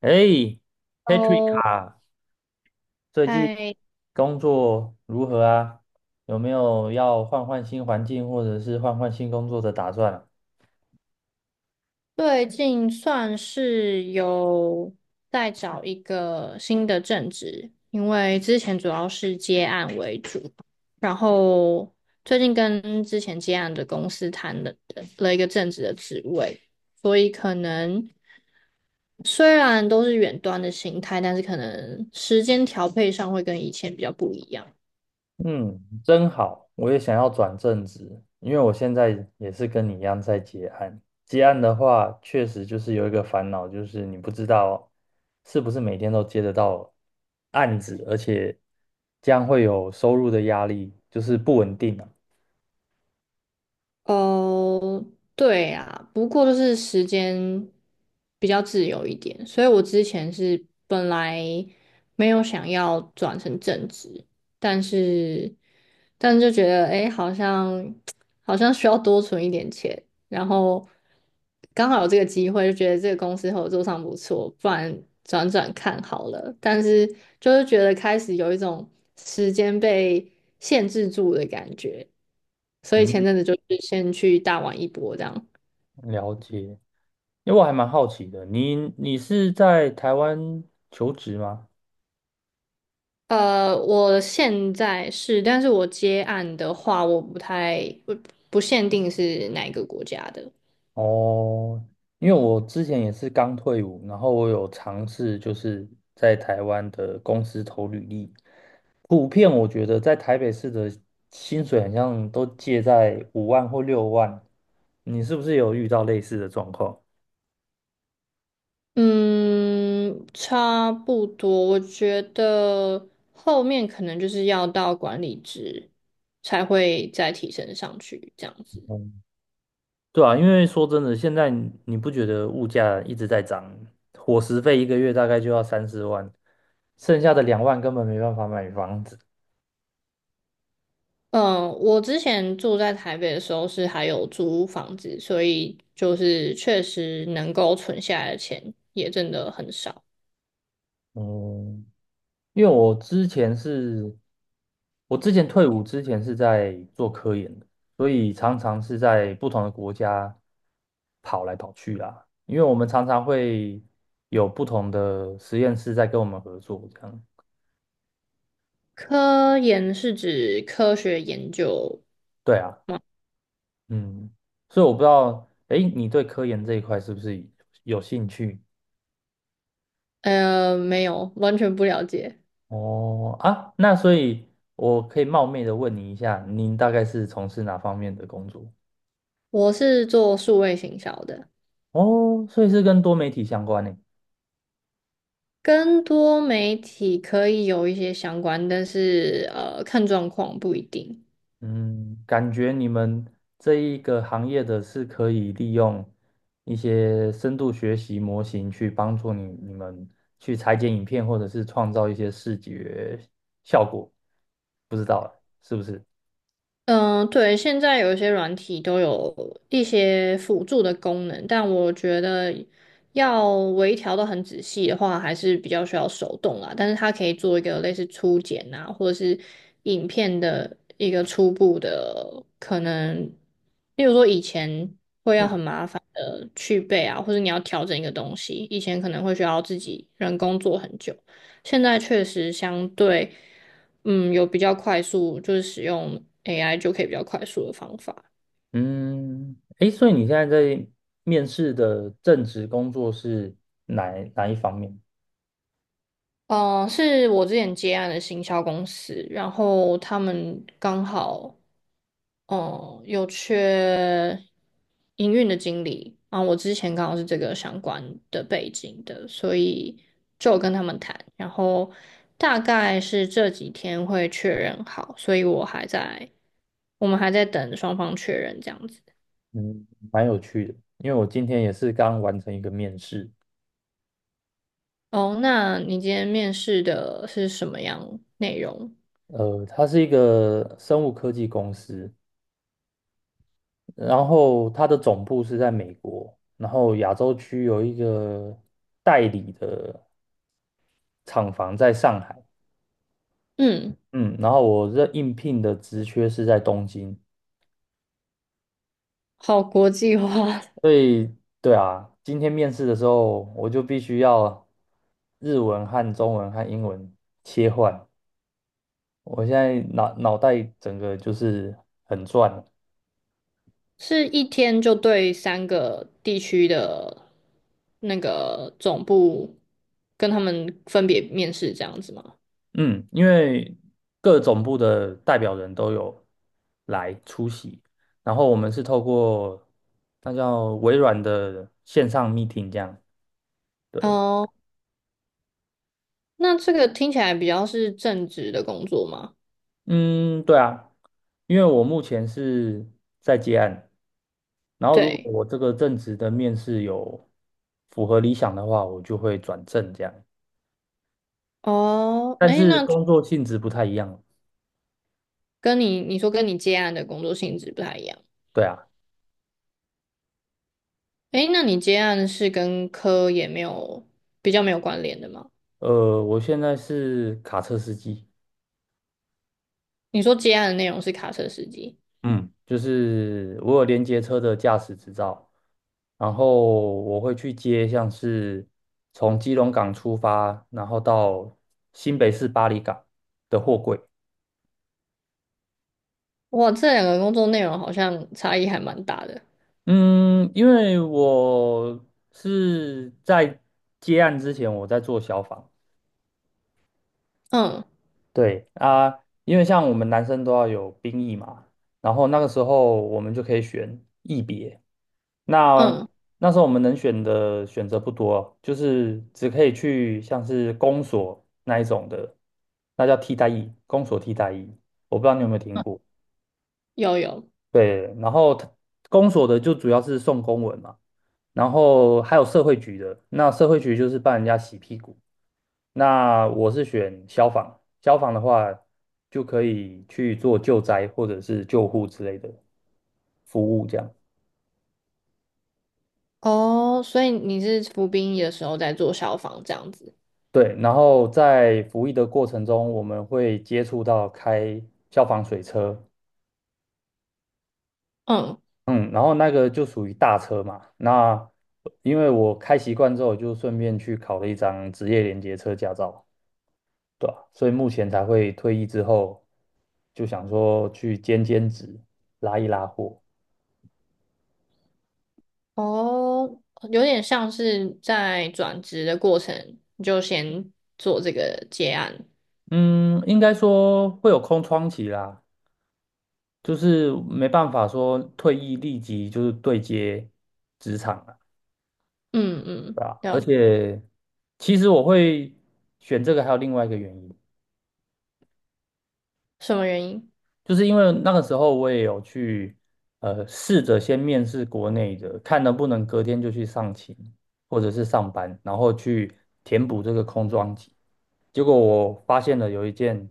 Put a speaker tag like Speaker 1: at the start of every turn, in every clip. Speaker 1: 哎，Patrick
Speaker 2: 哦，
Speaker 1: 啊，最近
Speaker 2: 哎，
Speaker 1: 工作如何啊？有没有要换换新环境或者是换换新工作的打算啊。
Speaker 2: 最近算是有在找一个新的正职，因为之前主要是接案为主，然后最近跟之前接案的公司谈了一个正职的职位，所以可能虽然都是远端的形态，但是可能时间调配上会跟以前比较不一样。
Speaker 1: 嗯，真好，我也想要转正职，因为我现在也是跟你一样在接案。接案的话，确实就是有一个烦恼，就是你不知道是不是每天都接得到案子，而且将会有收入的压力，就是不稳定啊。
Speaker 2: 哦，对啊，不过就是时间比较自由一点，所以我之前是本来没有想要转成正职，但是但是就觉得诶，好像 好像需要多存一点钱，然后刚好有这个机会，就觉得这个公司合作上不错，不然转转看好了。但是就是觉得开始有一种时间被限制住的感觉。所以前
Speaker 1: 嗯
Speaker 2: 阵子就是先去大玩一波这样。
Speaker 1: 了解。因为我还蛮好奇的，你是在台湾求职吗？
Speaker 2: 我现在是，但是我接案的话，我不太不不限定是哪一个国家的。
Speaker 1: 哦，因为我之前也是刚退伍，然后我有尝试就是在台湾的公司投履历，普遍我觉得在台北市的薪水好像都介在5万或六万，你是不是有遇到类似的状况？
Speaker 2: 嗯，差不多，我觉得后面可能就是要到管理职才会再提升上去这样子。
Speaker 1: 对啊，因为说真的，现在你不觉得物价一直在涨，伙食费一个月大概就要3、4万，剩下的2万根本没办法买房子。
Speaker 2: 嗯，我之前住在台北的时候是还有租房子，所以就是确实能够存下来的钱也真的很少。
Speaker 1: 嗯，因为我之前是，我之前退伍之前是在做科研的，所以常常是在不同的国家跑来跑去啦。因为我们常常会有不同的实验室在跟我们合作，这样。
Speaker 2: 科研是指科学研究，
Speaker 1: 对啊。嗯，所以我不知道，哎，你对科研这一块是不是有兴趣？
Speaker 2: 没有，完全不了解。
Speaker 1: 哦，啊，那所以我可以冒昧的问你一下，您大概是从事哪方面的工作？
Speaker 2: 我是做数位行销的，
Speaker 1: 哦，所以是跟多媒体相关呢。
Speaker 2: 跟多媒体可以有一些相关，但是看状况不一定。
Speaker 1: 嗯，感觉你们这一个行业的是可以利用一些深度学习模型去帮助你们去裁剪影片，或者是创造一些视觉效果，不知道欸是不是？
Speaker 2: 嗯，对，现在有一些软体都有一些辅助的功能，但我觉得要微调的很仔细的话，还是比较需要手动啦。但是它可以做一个类似初剪啊，或者是影片的一个初步的可能，例如说以前会要
Speaker 1: 嗯。
Speaker 2: 很麻烦的去背啊，或者你要调整一个东西，以前可能会需要自己人工做很久，现在确实相对。嗯，有比较快速，就是使用 AI 就可以比较快速的方法。
Speaker 1: 嗯，诶，所以你现在在面试的正职工作是哪一方面？
Speaker 2: 嗯、是我之前接案的行销公司，然后他们刚好嗯有缺营运的经理，啊，我之前刚好是这个相关的背景的，所以就有跟他们谈，然后大概是这几天会确认好，所以我还在，我们还在等双方确认这样子。
Speaker 1: 嗯，蛮有趣的，因为我今天也是刚完成一个面试，
Speaker 2: 哦，那你今天面试的是什么样内容？
Speaker 1: 它是一个生物科技公司，然后它的总部是在美国，然后亚洲区有一个代理的厂房在上海，
Speaker 2: 嗯，
Speaker 1: 嗯，然后我这应聘的职缺是在东京，
Speaker 2: 好国际化，
Speaker 1: 对啊，今天面试的时候，我就必须要日文和中文和英文切换。我现在脑袋整个就是很转，
Speaker 2: 是一天就对三个地区的那个总部跟他们分别面试这样子吗？
Speaker 1: 嗯，因为各总部的代表人都有来出席，然后我们是透过那叫微软的线上 meeting 这样，对，
Speaker 2: 哦，那这个听起来比较是正职的工作吗？
Speaker 1: 嗯，对啊，因为我目前是在接案，然后如果
Speaker 2: 对，
Speaker 1: 我这个正职的面试有符合理想的话，我就会转正这样。
Speaker 2: 哦，
Speaker 1: 但
Speaker 2: 诶，
Speaker 1: 是
Speaker 2: 那
Speaker 1: 工作性质不太一样，
Speaker 2: 跟你接案的工作性质不太一样，
Speaker 1: 对啊，
Speaker 2: 诶，那你接案是跟科也没有比较没有关联的吗？
Speaker 1: 我现在是卡车司机，
Speaker 2: 你说接案的内容是卡车司机，
Speaker 1: 嗯，就是我有连接车的驾驶执照，然后我会去接像是从基隆港出发，然后到新北市巴黎港的货柜。
Speaker 2: 哇，这两个工作内容好像差异还蛮大的。
Speaker 1: 嗯，因为我是在接案之前我在做消防。
Speaker 2: 嗯
Speaker 1: 对啊，因为像我们男生都要有兵役嘛，然后那个时候我们就可以选役别。那
Speaker 2: 嗯，
Speaker 1: 那时候我们能选的选择不多，就是只可以去像是公所那一种的，那叫替代役，公所替代役，我不知道你有没有听过。
Speaker 2: 有有
Speaker 1: 对，然后它公所的就主要是送公文嘛，然后还有社会局的，那社会局就是帮人家洗屁股。那我是选消防，消防的话就可以去做救灾或者是救护之类的服务，这样。
Speaker 2: 哦，所以你是服兵役的时候在做消防这样子。
Speaker 1: 对，然后在服役的过程中，我们会接触到开消防水车，
Speaker 2: 嗯
Speaker 1: 嗯，然后那个就属于大车嘛。那因为我开习惯之后，就顺便去考了一张职业连接车驾照，对吧？所以目前才会退役之后，就想说去兼职，拉一拉货。
Speaker 2: 哦，有点像是在转职的过程你就先做这个接案。
Speaker 1: 嗯，应该说会有空窗期啦，就是没办法说退役立即就是对接职场了，
Speaker 2: 嗯
Speaker 1: 对
Speaker 2: 嗯，
Speaker 1: 吧？而
Speaker 2: 要
Speaker 1: 且其实我会选这个，还有另外一个原因，
Speaker 2: 什么原因
Speaker 1: 就是因为那个时候我也有去试着先面试国内的，看能不能隔天就去上勤或者是上班，然后去填补这个空窗期。结果我发现了有一件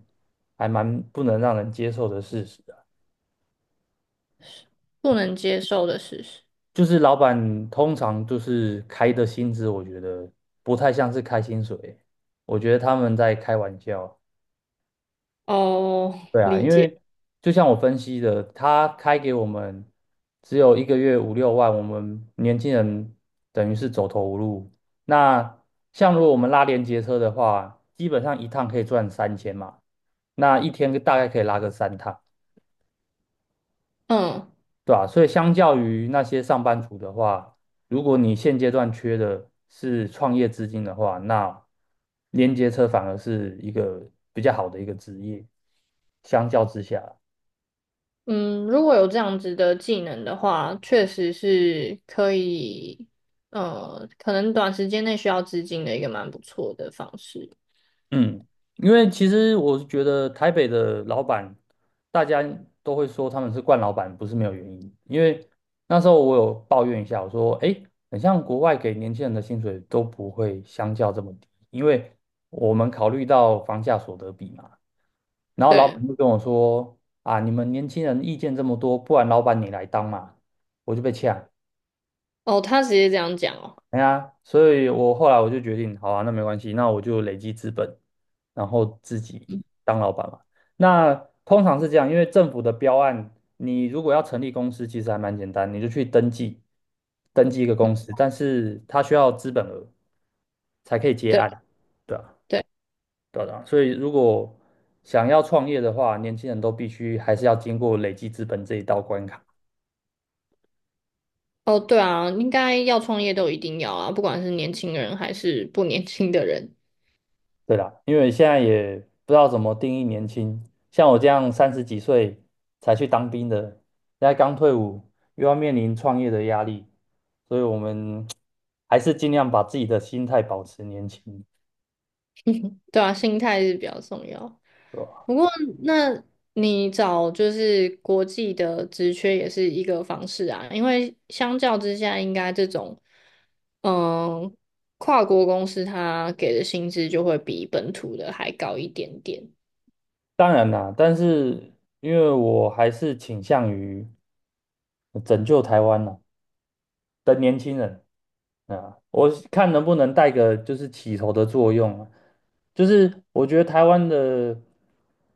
Speaker 1: 还蛮不能让人接受的事实。
Speaker 2: 不能接受的事实？
Speaker 1: 就是老板通常就是开的薪资，我觉得不太像是开薪水，我觉得他们在开玩笑。
Speaker 2: 哦，
Speaker 1: 对啊，
Speaker 2: 理
Speaker 1: 因
Speaker 2: 解。
Speaker 1: 为就像我分析的，他开给我们只有一个月5、6万，我们年轻人等于是走投无路。那像如果我们拉连接车的话，基本上一趟可以赚3000嘛，那一天大概可以拉个三趟。
Speaker 2: 嗯。
Speaker 1: 对吧？所以相较于那些上班族的话，如果你现阶段缺的是创业资金的话，那连接车反而是一个比较好的一个职业。相较之下，
Speaker 2: 嗯，如果有这样子的技能的话，确实是可以，可能短时间内需要资金的一个蛮不错的方式。
Speaker 1: 嗯，因为其实我是觉得台北的老板，大家都会说他们是惯老板，不是没有原因。因为那时候我有抱怨一下，我说，哎，很像国外给年轻人的薪水都不会相较这么低，因为我们考虑到房价所得比嘛。然后老
Speaker 2: 对，
Speaker 1: 板就跟我说：“啊，你们年轻人意见这么多，不然老板你来当嘛。”我就被呛。
Speaker 2: 哦，他直接这样讲哦，
Speaker 1: 哎呀，所以我后来我就决定，好啊，那没关系，那我就累积资本，然后自己
Speaker 2: 嗯
Speaker 1: 当老板嘛。那通常是这样，因为政府的标案，你如果要成立公司，其实还蛮简单，你就去登记，登记一个公司，但是它需要资本额才可以接
Speaker 2: 对
Speaker 1: 案，对啊。
Speaker 2: 对，
Speaker 1: 对的啊，所以如果想要创业的话，年轻人都必须还是要经过累积资本这一道关卡。
Speaker 2: 哦，对啊，应该要创业都一定要啊，不管是年轻人还是不年轻的人，
Speaker 1: 对啦，因为现在也不知道怎么定义年轻，像我这样30几岁才去当兵的，现在刚退伍，又要面临创业的压力，所以我们 还是尽量把自己的心态保持年轻，
Speaker 2: 对啊，心态是比较重要。
Speaker 1: 对吧？
Speaker 2: 不过，那你找就是国际的职缺也是一个方式啊，因为相较之下，应该这种嗯跨国公司它给的薪资就会比本土的还高一点点。
Speaker 1: 当然啦，但是因为我还是倾向于拯救台湾啦。的年轻人啊，我看能不能带个就是起头的作用啊，就是我觉得台湾的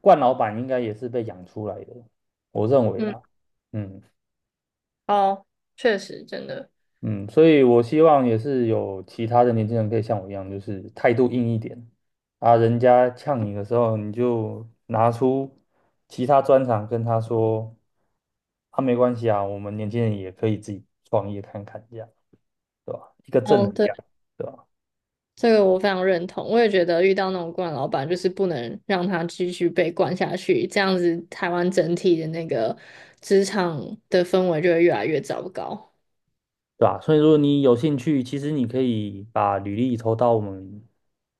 Speaker 1: 冠老板应该也是被养出来的，我认为
Speaker 2: 嗯，
Speaker 1: 啦，嗯
Speaker 2: 哦，确实，真的，
Speaker 1: 嗯，所以我希望也是有其他的年轻人可以像我一样，就是态度硬一点啊，人家呛你的时候，你就拿出其他专长跟他说，啊，没关系啊，我们年轻人也可以自己创业看看，这样对吧？一个正能
Speaker 2: 哦，对，
Speaker 1: 量。对吧？
Speaker 2: 这个我非常认同。我也觉得遇到那种惯老板，就是不能让他继续被惯下去，这样子台湾整体的那个职场的氛围就会越来越糟糕。
Speaker 1: 对吧？所以如果你有兴趣，其实你可以把履历投到我们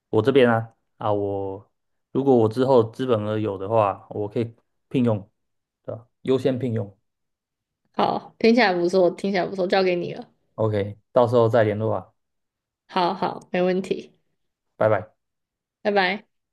Speaker 1: 我这边啊啊，我如果我之后资本额有的话，我可以聘用，对吧？优先聘用
Speaker 2: 好，听起来不错，听起来不错，交给你了。
Speaker 1: ，OK，到时候再联络啊，
Speaker 2: 好好，没问题，
Speaker 1: 拜拜。
Speaker 2: 拜拜。